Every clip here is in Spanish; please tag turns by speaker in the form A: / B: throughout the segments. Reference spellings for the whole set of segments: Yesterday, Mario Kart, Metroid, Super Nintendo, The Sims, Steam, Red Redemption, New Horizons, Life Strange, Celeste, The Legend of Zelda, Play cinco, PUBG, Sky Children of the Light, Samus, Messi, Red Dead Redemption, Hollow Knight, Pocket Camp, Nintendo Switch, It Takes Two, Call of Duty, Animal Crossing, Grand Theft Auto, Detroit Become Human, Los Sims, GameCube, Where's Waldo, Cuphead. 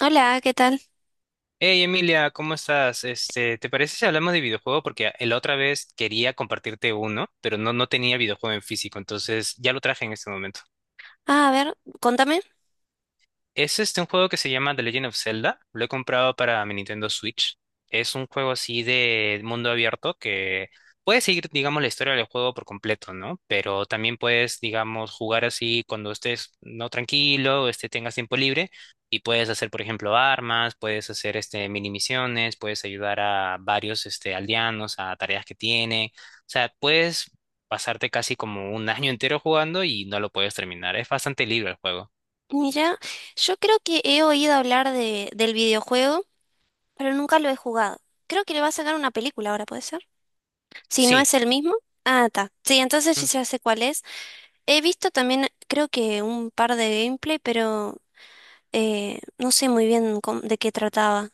A: Hola, ¿qué tal?
B: Hey Emilia, ¿cómo estás? Este, ¿te parece si hablamos de videojuego? Porque la otra vez quería compartirte uno, pero no tenía videojuego en físico, entonces ya lo traje en este momento.
A: Ah, a ver, contame.
B: Es este un juego que se llama The Legend of Zelda. Lo he comprado para mi Nintendo Switch. Es un juego así de mundo abierto que puedes seguir, digamos, la historia del juego por completo, ¿no? Pero también puedes, digamos, jugar así cuando estés no tranquilo, este tengas tiempo libre y puedes hacer, por ejemplo, armas, puedes hacer este mini misiones, puedes ayudar a varios este aldeanos a tareas que tienen. O sea, puedes pasarte casi como un año entero jugando y no lo puedes terminar. Es bastante libre el juego.
A: Mira, yo creo que he oído hablar del videojuego, pero nunca lo he jugado. Creo que le va a sacar una película ahora, ¿puede ser? Si no
B: Sí.
A: es el mismo. Ah, está. Sí, entonces sí
B: Mm.
A: ya sé cuál es. He visto también, creo que un par de gameplay, pero no sé muy bien de qué trataba.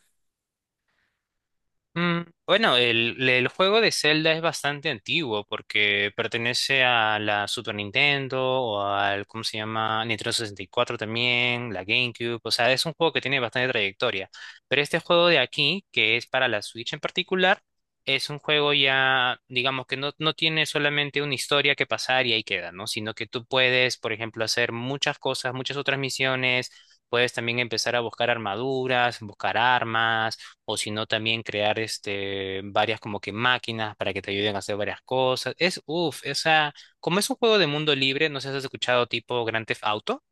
B: Bueno, el juego de Zelda es bastante antiguo porque pertenece a la Super Nintendo o al, ¿cómo se llama? Nintendo sesenta y cuatro también, la GameCube, o sea, es un juego que tiene bastante trayectoria. Pero este juego de aquí, que es para la Switch en particular, es un juego ya, digamos que no tiene solamente una historia que pasar y ahí queda, ¿no? Sino que tú puedes, por ejemplo, hacer muchas cosas, muchas otras misiones, puedes también empezar a buscar armaduras, buscar armas o si no también crear este, varias como que máquinas para que te ayuden a hacer varias cosas. Es, uff, esa, como es un juego de mundo libre, no sé si has escuchado tipo Grand Theft Auto,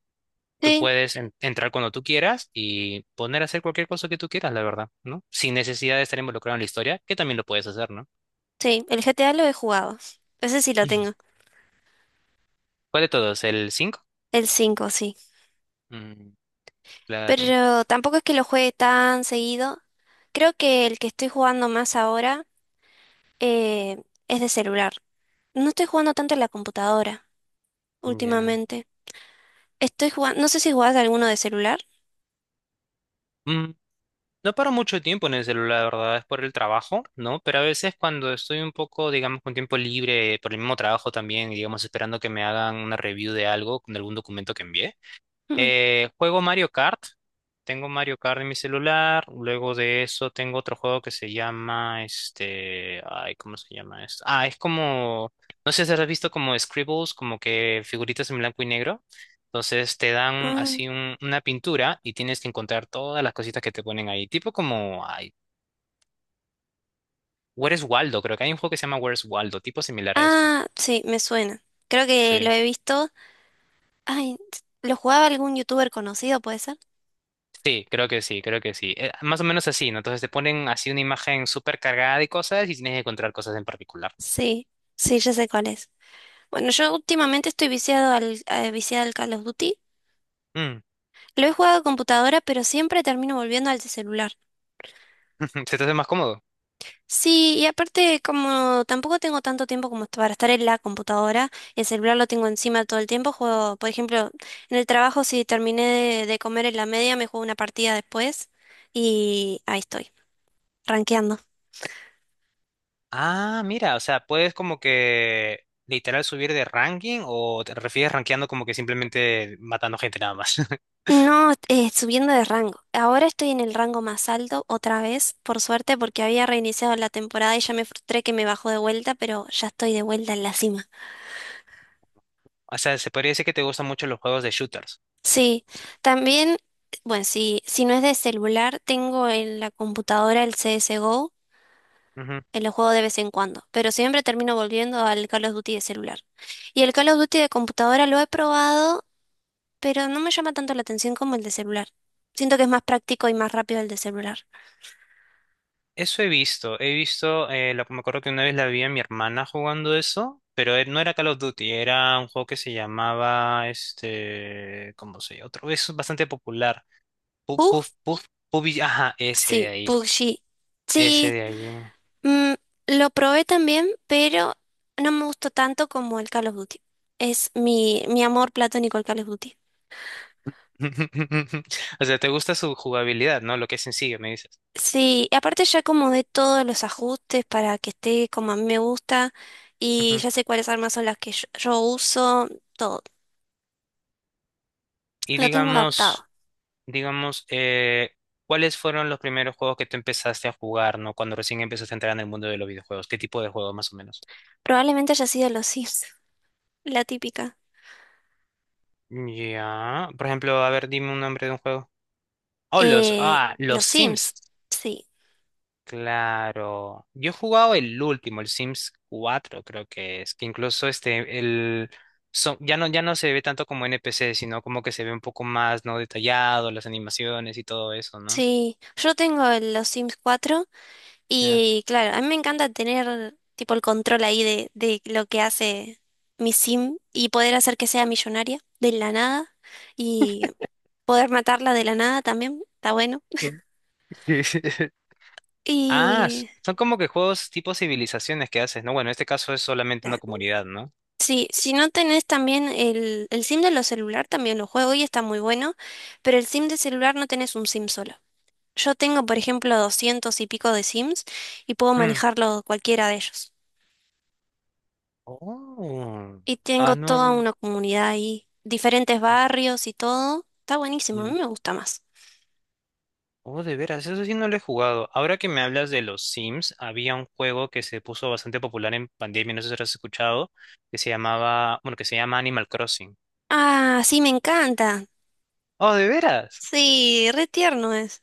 B: tú
A: Sí,
B: puedes entrar cuando tú quieras y poner a hacer cualquier cosa que tú quieras, la verdad, ¿no? Sin necesidad de estar involucrado en la historia, que también lo puedes hacer, ¿no?
A: sí, el GTA lo he jugado. Ese sí lo tengo.
B: ¿Cuál de todos? ¿El cinco?
A: El 5, sí.
B: Mm, claro,
A: Pero tampoco es que lo juegue tan seguido. Creo que el que estoy jugando más ahora. eh, es de celular. No estoy jugando tanto en la computadora
B: ya.
A: últimamente. Estoy jugando, no sé si jugás alguno de celular.
B: No paro mucho tiempo en el celular, la verdad, es por el trabajo, ¿no? Pero a veces cuando estoy un poco, digamos, con tiempo libre, por el mismo trabajo también, y digamos, esperando que me hagan una review de algo, de algún documento que envié,
A: Mm.
B: juego Mario Kart. Tengo Mario Kart en mi celular. Luego de eso tengo otro juego que se llama este. Ay, ¿cómo se llama esto? Ah, es como. No sé si has visto como scribbles, como que figuritas en blanco y negro. Entonces te dan
A: Ah,
B: así una pintura y tienes que encontrar todas las cositas que te ponen ahí. Tipo como. Ay, Where's Waldo? Creo que hay un juego que se llama Where's Waldo, tipo similar a eso.
A: Ah, sí, me suena. Creo que lo
B: Sí.
A: he visto. Ay, ¿lo jugaba algún youtuber conocido, puede ser?
B: Sí, creo que sí. Más o menos así, ¿no? Entonces te ponen así una imagen súper cargada de cosas y tienes que encontrar cosas en particular.
A: Sí, sí, ya sé cuál es. Bueno, yo últimamente estoy viciada al Call of Duty.
B: Mm.
A: Lo he jugado a computadora, pero siempre termino volviendo al de celular.
B: ¿Se te hace más cómodo?
A: Sí, y aparte como tampoco tengo tanto tiempo como para estar en la computadora, el celular lo tengo encima todo el tiempo, juego, por ejemplo, en el trabajo si terminé de comer en la media, me juego una partida después y ahí estoy, rankeando.
B: Ah, mira, o sea, puedes como que literal subir de ranking o te refieres rankeando como que simplemente matando gente nada más.
A: No, subiendo de rango. Ahora estoy en el rango más alto otra vez, por suerte, porque había reiniciado la temporada y ya me frustré que me bajó de vuelta, pero ya estoy de vuelta en la cima.
B: O sea, se podría decir que te gustan mucho los juegos de shooters.
A: Sí, también, bueno, si no es de celular, tengo en la computadora el CSGO, en lo juego de vez en cuando, pero siempre termino volviendo al Call of Duty de celular. Y el Call of Duty de computadora lo he probado, pero no me llama tanto la atención como el de celular. Siento que es más práctico y más rápido el de celular.
B: Eso he visto, me acuerdo que una vez la vi a mi hermana jugando eso, pero no era Call of Duty, era un juego que se llamaba, este, ¿cómo se llama? Otro, es bastante popular. Puf,
A: ¿Pug?
B: puf, puf, ajá, ese de
A: Sí,
B: ahí,
A: PUBG.
B: ese
A: Sí,
B: de ahí.
A: mm, lo probé también, pero no me gustó tanto como el Call of Duty. Es mi amor platónico el Call of Duty.
B: O sea, te gusta su jugabilidad, ¿no? Lo que es sencillo, me dices.
A: Sí, y aparte ya acomodé todos los ajustes para que esté como a mí me gusta y
B: Ujú.
A: ya sé cuáles armas son las que yo uso, todo.
B: Y
A: Lo tengo adaptado.
B: digamos, digamos, ¿cuáles fueron los primeros juegos que tú empezaste a jugar, ¿no? Cuando recién empezaste a entrar en el mundo de los videojuegos, ¿qué tipo de juegos más o menos?
A: Probablemente haya sido los Sims, la típica.
B: Ya. Por ejemplo, a ver, dime un nombre de un juego. Oh,
A: Eh,
B: los
A: los
B: Sims.
A: Sims, sí.
B: Claro. Yo he jugado el último, el Sims cuatro, creo que es. Que incluso este, el. Ya no, ya no se ve tanto como NPC, sino como que se ve un poco más, ¿no? Detallado, las animaciones y todo eso, ¿no?
A: Sí, yo tengo los Sims cuatro
B: Ya.
A: y claro, a mí me encanta tener tipo el control ahí de lo que hace mi Sim y poder hacer que sea millonaria de la nada y poder matarla de la nada también, está bueno.
B: Mm. Ah,
A: Y
B: son como que juegos tipo civilizaciones que haces, ¿no? Bueno, en este caso es solamente
A: ah,
B: una comunidad, ¿no?
A: sí, si no tenés también el SIM de los celular, también lo juego y está muy bueno, pero el SIM de celular no tenés un SIM solo. Yo tengo, por ejemplo, 200 y pico de SIMs y puedo
B: Mm.
A: manejarlo cualquiera de ellos.
B: Oh.
A: Y tengo
B: Ah,
A: toda
B: no.
A: una comunidad ahí, diferentes barrios y todo. Está buenísimo, a mí me gusta más.
B: Oh, de veras, eso sí no lo he jugado. Ahora que me hablas de los Sims, había un juego que se puso bastante popular en pandemia, no sé si lo has escuchado, que se llamaba, bueno, que se llama Animal Crossing.
A: Ah, sí, me encanta.
B: Oh, de veras.
A: Sí, re tierno es.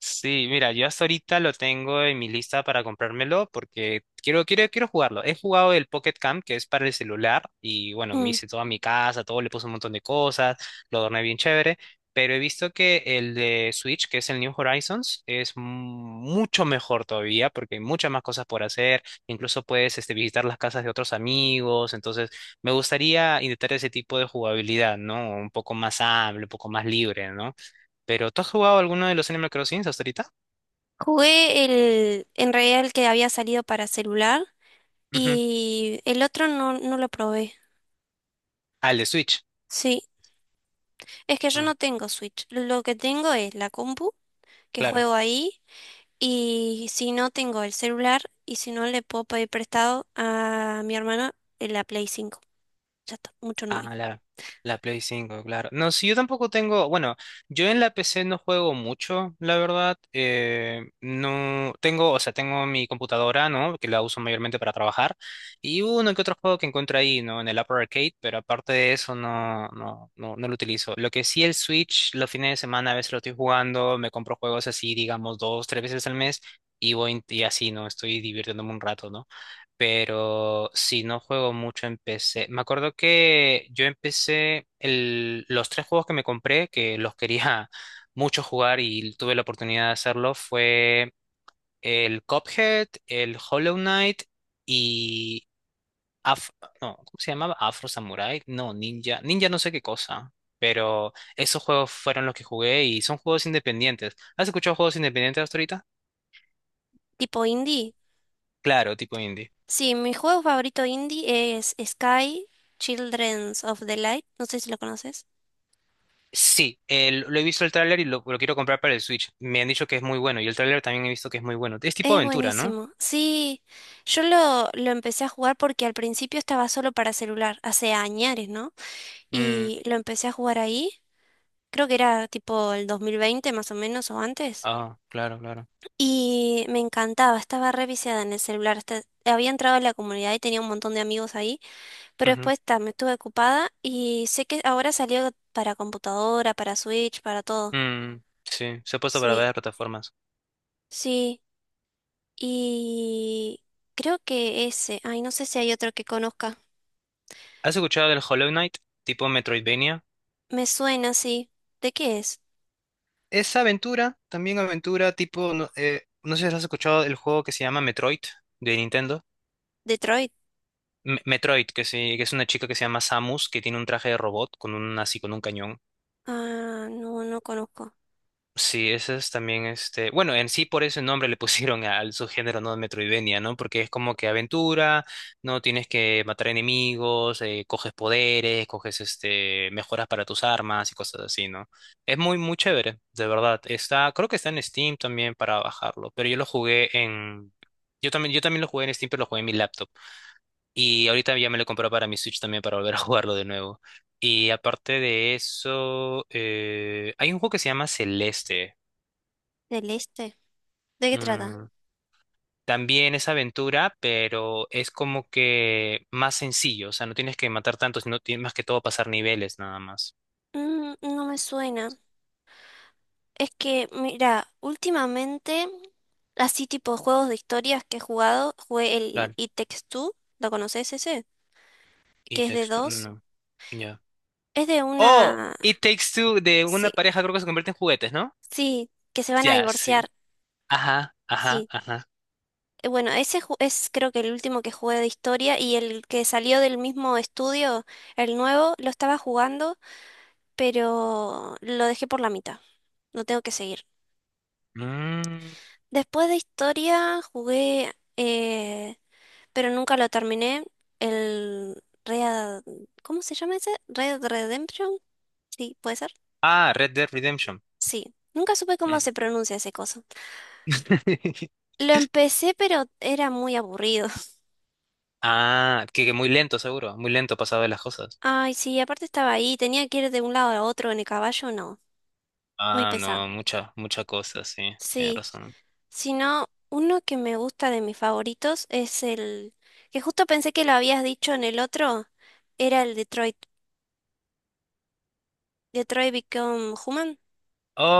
B: Sí, mira, yo hasta ahorita lo tengo en mi lista para comprármelo porque quiero, quiero jugarlo. He jugado el Pocket Camp, que es para el celular, y bueno, me
A: Mm.
B: hice toda mi casa, todo, le puse un montón de cosas, lo adorné bien chévere, pero he visto que el de Switch, que es el New Horizons, es mucho mejor todavía porque hay muchas más cosas por hacer, incluso puedes este, visitar las casas de otros amigos, entonces me gustaría intentar ese tipo de jugabilidad, ¿no? Un poco más amplio, un poco más libre, ¿no? Pero ¿tú has jugado alguno de los Animal Crossing hasta ahorita?
A: Jugué el, en realidad el que había salido para celular.
B: Ujú.
A: Y el otro no, no lo probé.
B: Al de Switch.
A: Sí, es que yo
B: Mm,
A: no tengo Switch. Lo que tengo es la compu, que
B: claro.
A: juego ahí, y si no tengo el celular, y si no le puedo pedir prestado a mi hermana en la Play cinco. Ya está, mucho no hay.
B: Ah, la Play cinco, claro. No, si yo tampoco tengo, bueno, yo en la PC no juego mucho, la verdad. No tengo, o sea, tengo mi computadora, ¿no? Que la uso mayormente para trabajar. Y uno que otro juego que encuentro ahí, ¿no? En el Apple Arcade, pero aparte de eso no lo utilizo. Lo que sí el Switch, los fines de semana a veces lo estoy jugando, me compro juegos así, digamos, dos, tres veces al mes, y voy y así, ¿no? Estoy divirtiéndome un rato, ¿no? Pero sí, no juego mucho en PC. Me acuerdo que yo empecé los tres juegos que me compré, que los quería mucho jugar y tuve la oportunidad de hacerlo, fue el Cuphead, el Hollow Knight y... Af- no, ¿cómo se llamaba? Afro Samurai, no, Ninja, Ninja no sé qué cosa, pero esos juegos fueron los que jugué y son juegos independientes. ¿Has escuchado juegos independientes hasta ahorita?
A: Tipo indie.
B: Claro, tipo indie.
A: Sí, mi juego favorito indie es Sky Children's of the Light. No sé si lo conoces.
B: Sí, lo he visto el tráiler y lo quiero comprar para el Switch. Me han dicho que es muy bueno y el tráiler también he visto que es muy bueno. Es tipo
A: Es
B: aventura, ¿no?
A: buenísimo. Sí, yo lo empecé a jugar porque al principio estaba solo para celular, hace años, ¿no?
B: Mm,
A: Y lo empecé a jugar ahí. Creo que era tipo el 2020 más o menos o antes.
B: ah, claro.
A: Y me encantaba, estaba re viciada en el celular. Había entrado a la comunidad y tenía un montón de amigos ahí, pero
B: Ujú.
A: después ta, me estuve ocupada y sé que ahora salió para computadora, para Switch, para todo.
B: Mm, sí, se ha puesto para
A: Sí,
B: varias plataformas.
A: sí. Y creo que ese, ay, no sé si hay otro que conozca.
B: ¿Has escuchado del Hollow Knight, tipo Metroidvania?
A: Me suena, sí. ¿De qué es?
B: Es aventura, también aventura, tipo, no, no sé si has escuchado el juego que se llama Metroid de Nintendo.
A: ¿Detroit?
B: Metroid, que, sí, que es una chica que se llama Samus, que tiene un traje de robot con un, así con un cañón.
A: Ah, no, no conozco.
B: Sí, ese es también este. Bueno, en sí por ese nombre le pusieron al subgénero, ¿no? Metroidvania, ¿no? Porque es como que aventura, ¿no? Tienes que matar enemigos, coges poderes, coges este, mejoras para tus armas y cosas así, ¿no? Es muy chévere, de verdad. Está, creo que está en Steam también para bajarlo, pero yo lo jugué en. Yo también lo jugué en Steam, pero lo jugué en mi laptop. Y ahorita ya me lo compré para mi Switch también para volver a jugarlo de nuevo. Y aparte de eso, hay un juego que se llama Celeste.
A: ¿Del este? ¿De qué trata?
B: Mm, también es aventura, pero es como que más sencillo, o sea, no tienes que matar tantos sino tienes más que todo pasar niveles nada más.
A: No me suena. Es que, mira, últimamente, así tipo juegos de historias que he jugado, jugué el
B: Claro.
A: It Takes Two, ¿lo conoces ese?
B: Y
A: Que es de
B: texto,
A: dos.
B: no, ya.
A: Es de
B: Oh,
A: una...
B: It Takes Two de
A: Sí,
B: una pareja creo que se convierte en juguetes, ¿no?
A: sí, que se van a
B: Ya,
A: divorciar,
B: sí. Ajá, ajá,
A: sí.
B: ajá.
A: Bueno, ese es creo que el último que jugué de historia y el que salió del mismo estudio, el nuevo, lo estaba jugando, pero lo dejé por la mitad. Lo tengo que seguir.
B: Mm,
A: Después de historia jugué, pero nunca lo terminé. El Red... ¿Cómo se llama ese? Red Redemption. Sí, ¿puede ser?
B: ah, Red Dead Redemption.
A: Sí. Nunca supe cómo
B: Mm.
A: se pronuncia ese coso. Lo empecé, pero era muy aburrido.
B: Ah, que muy lento seguro, muy lento pasado de las cosas.
A: Ay, sí, aparte estaba ahí, tenía que ir de un lado a otro en el caballo, no. Muy
B: Ah,
A: pesado.
B: no, mucha cosa, sí, tienes
A: Sí,
B: razón.
A: si no, uno que me gusta de mis favoritos es el que justo pensé que lo habías dicho en el otro, era el Detroit, Detroit Become Human.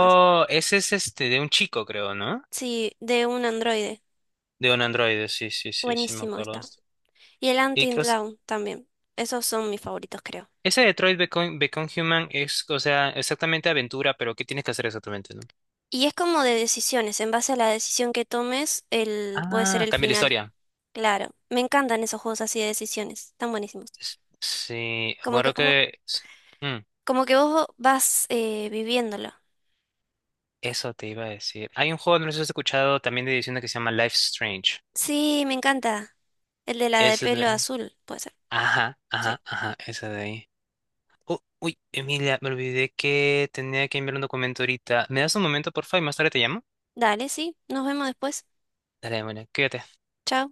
A: ¿Es?
B: ese es este de un chico, creo, ¿no?
A: Sí, de un androide.
B: De un androide, sí, sí, me
A: Buenísimo
B: acuerdo.
A: está. Y el
B: Y
A: Until
B: que, o
A: Dawn también. Esos son mis favoritos, creo.
B: ese Become Human es, o sea, exactamente aventura, pero ¿qué tienes que hacer exactamente, no?
A: Y es como de decisiones. En base a la decisión que tomes, puede ser
B: Ah,
A: el
B: cambia la
A: final.
B: historia.
A: Claro. Me encantan esos juegos así de decisiones. Están buenísimos.
B: Es- Sí,
A: Como que
B: bueno,
A: vos,
B: que... s- mm,
A: como que vos vas viviéndolo.
B: eso te iba a decir. Hay un juego, no sé si has escuchado, también de edición que se llama Life Strange.
A: Sí, me encanta. El de la de
B: Es
A: pelo
B: de-
A: azul, puede ser.
B: Ajá,
A: Sí.
B: ajá, ajá, esa de ahí. Oh, uy, Emilia, me olvidé que tenía que enviar un documento ahorita. ¿Me das un momento, por favor, y más tarde te llamo?
A: Dale, sí. Nos vemos después.
B: Dale, bueno, cuídate.
A: Chao.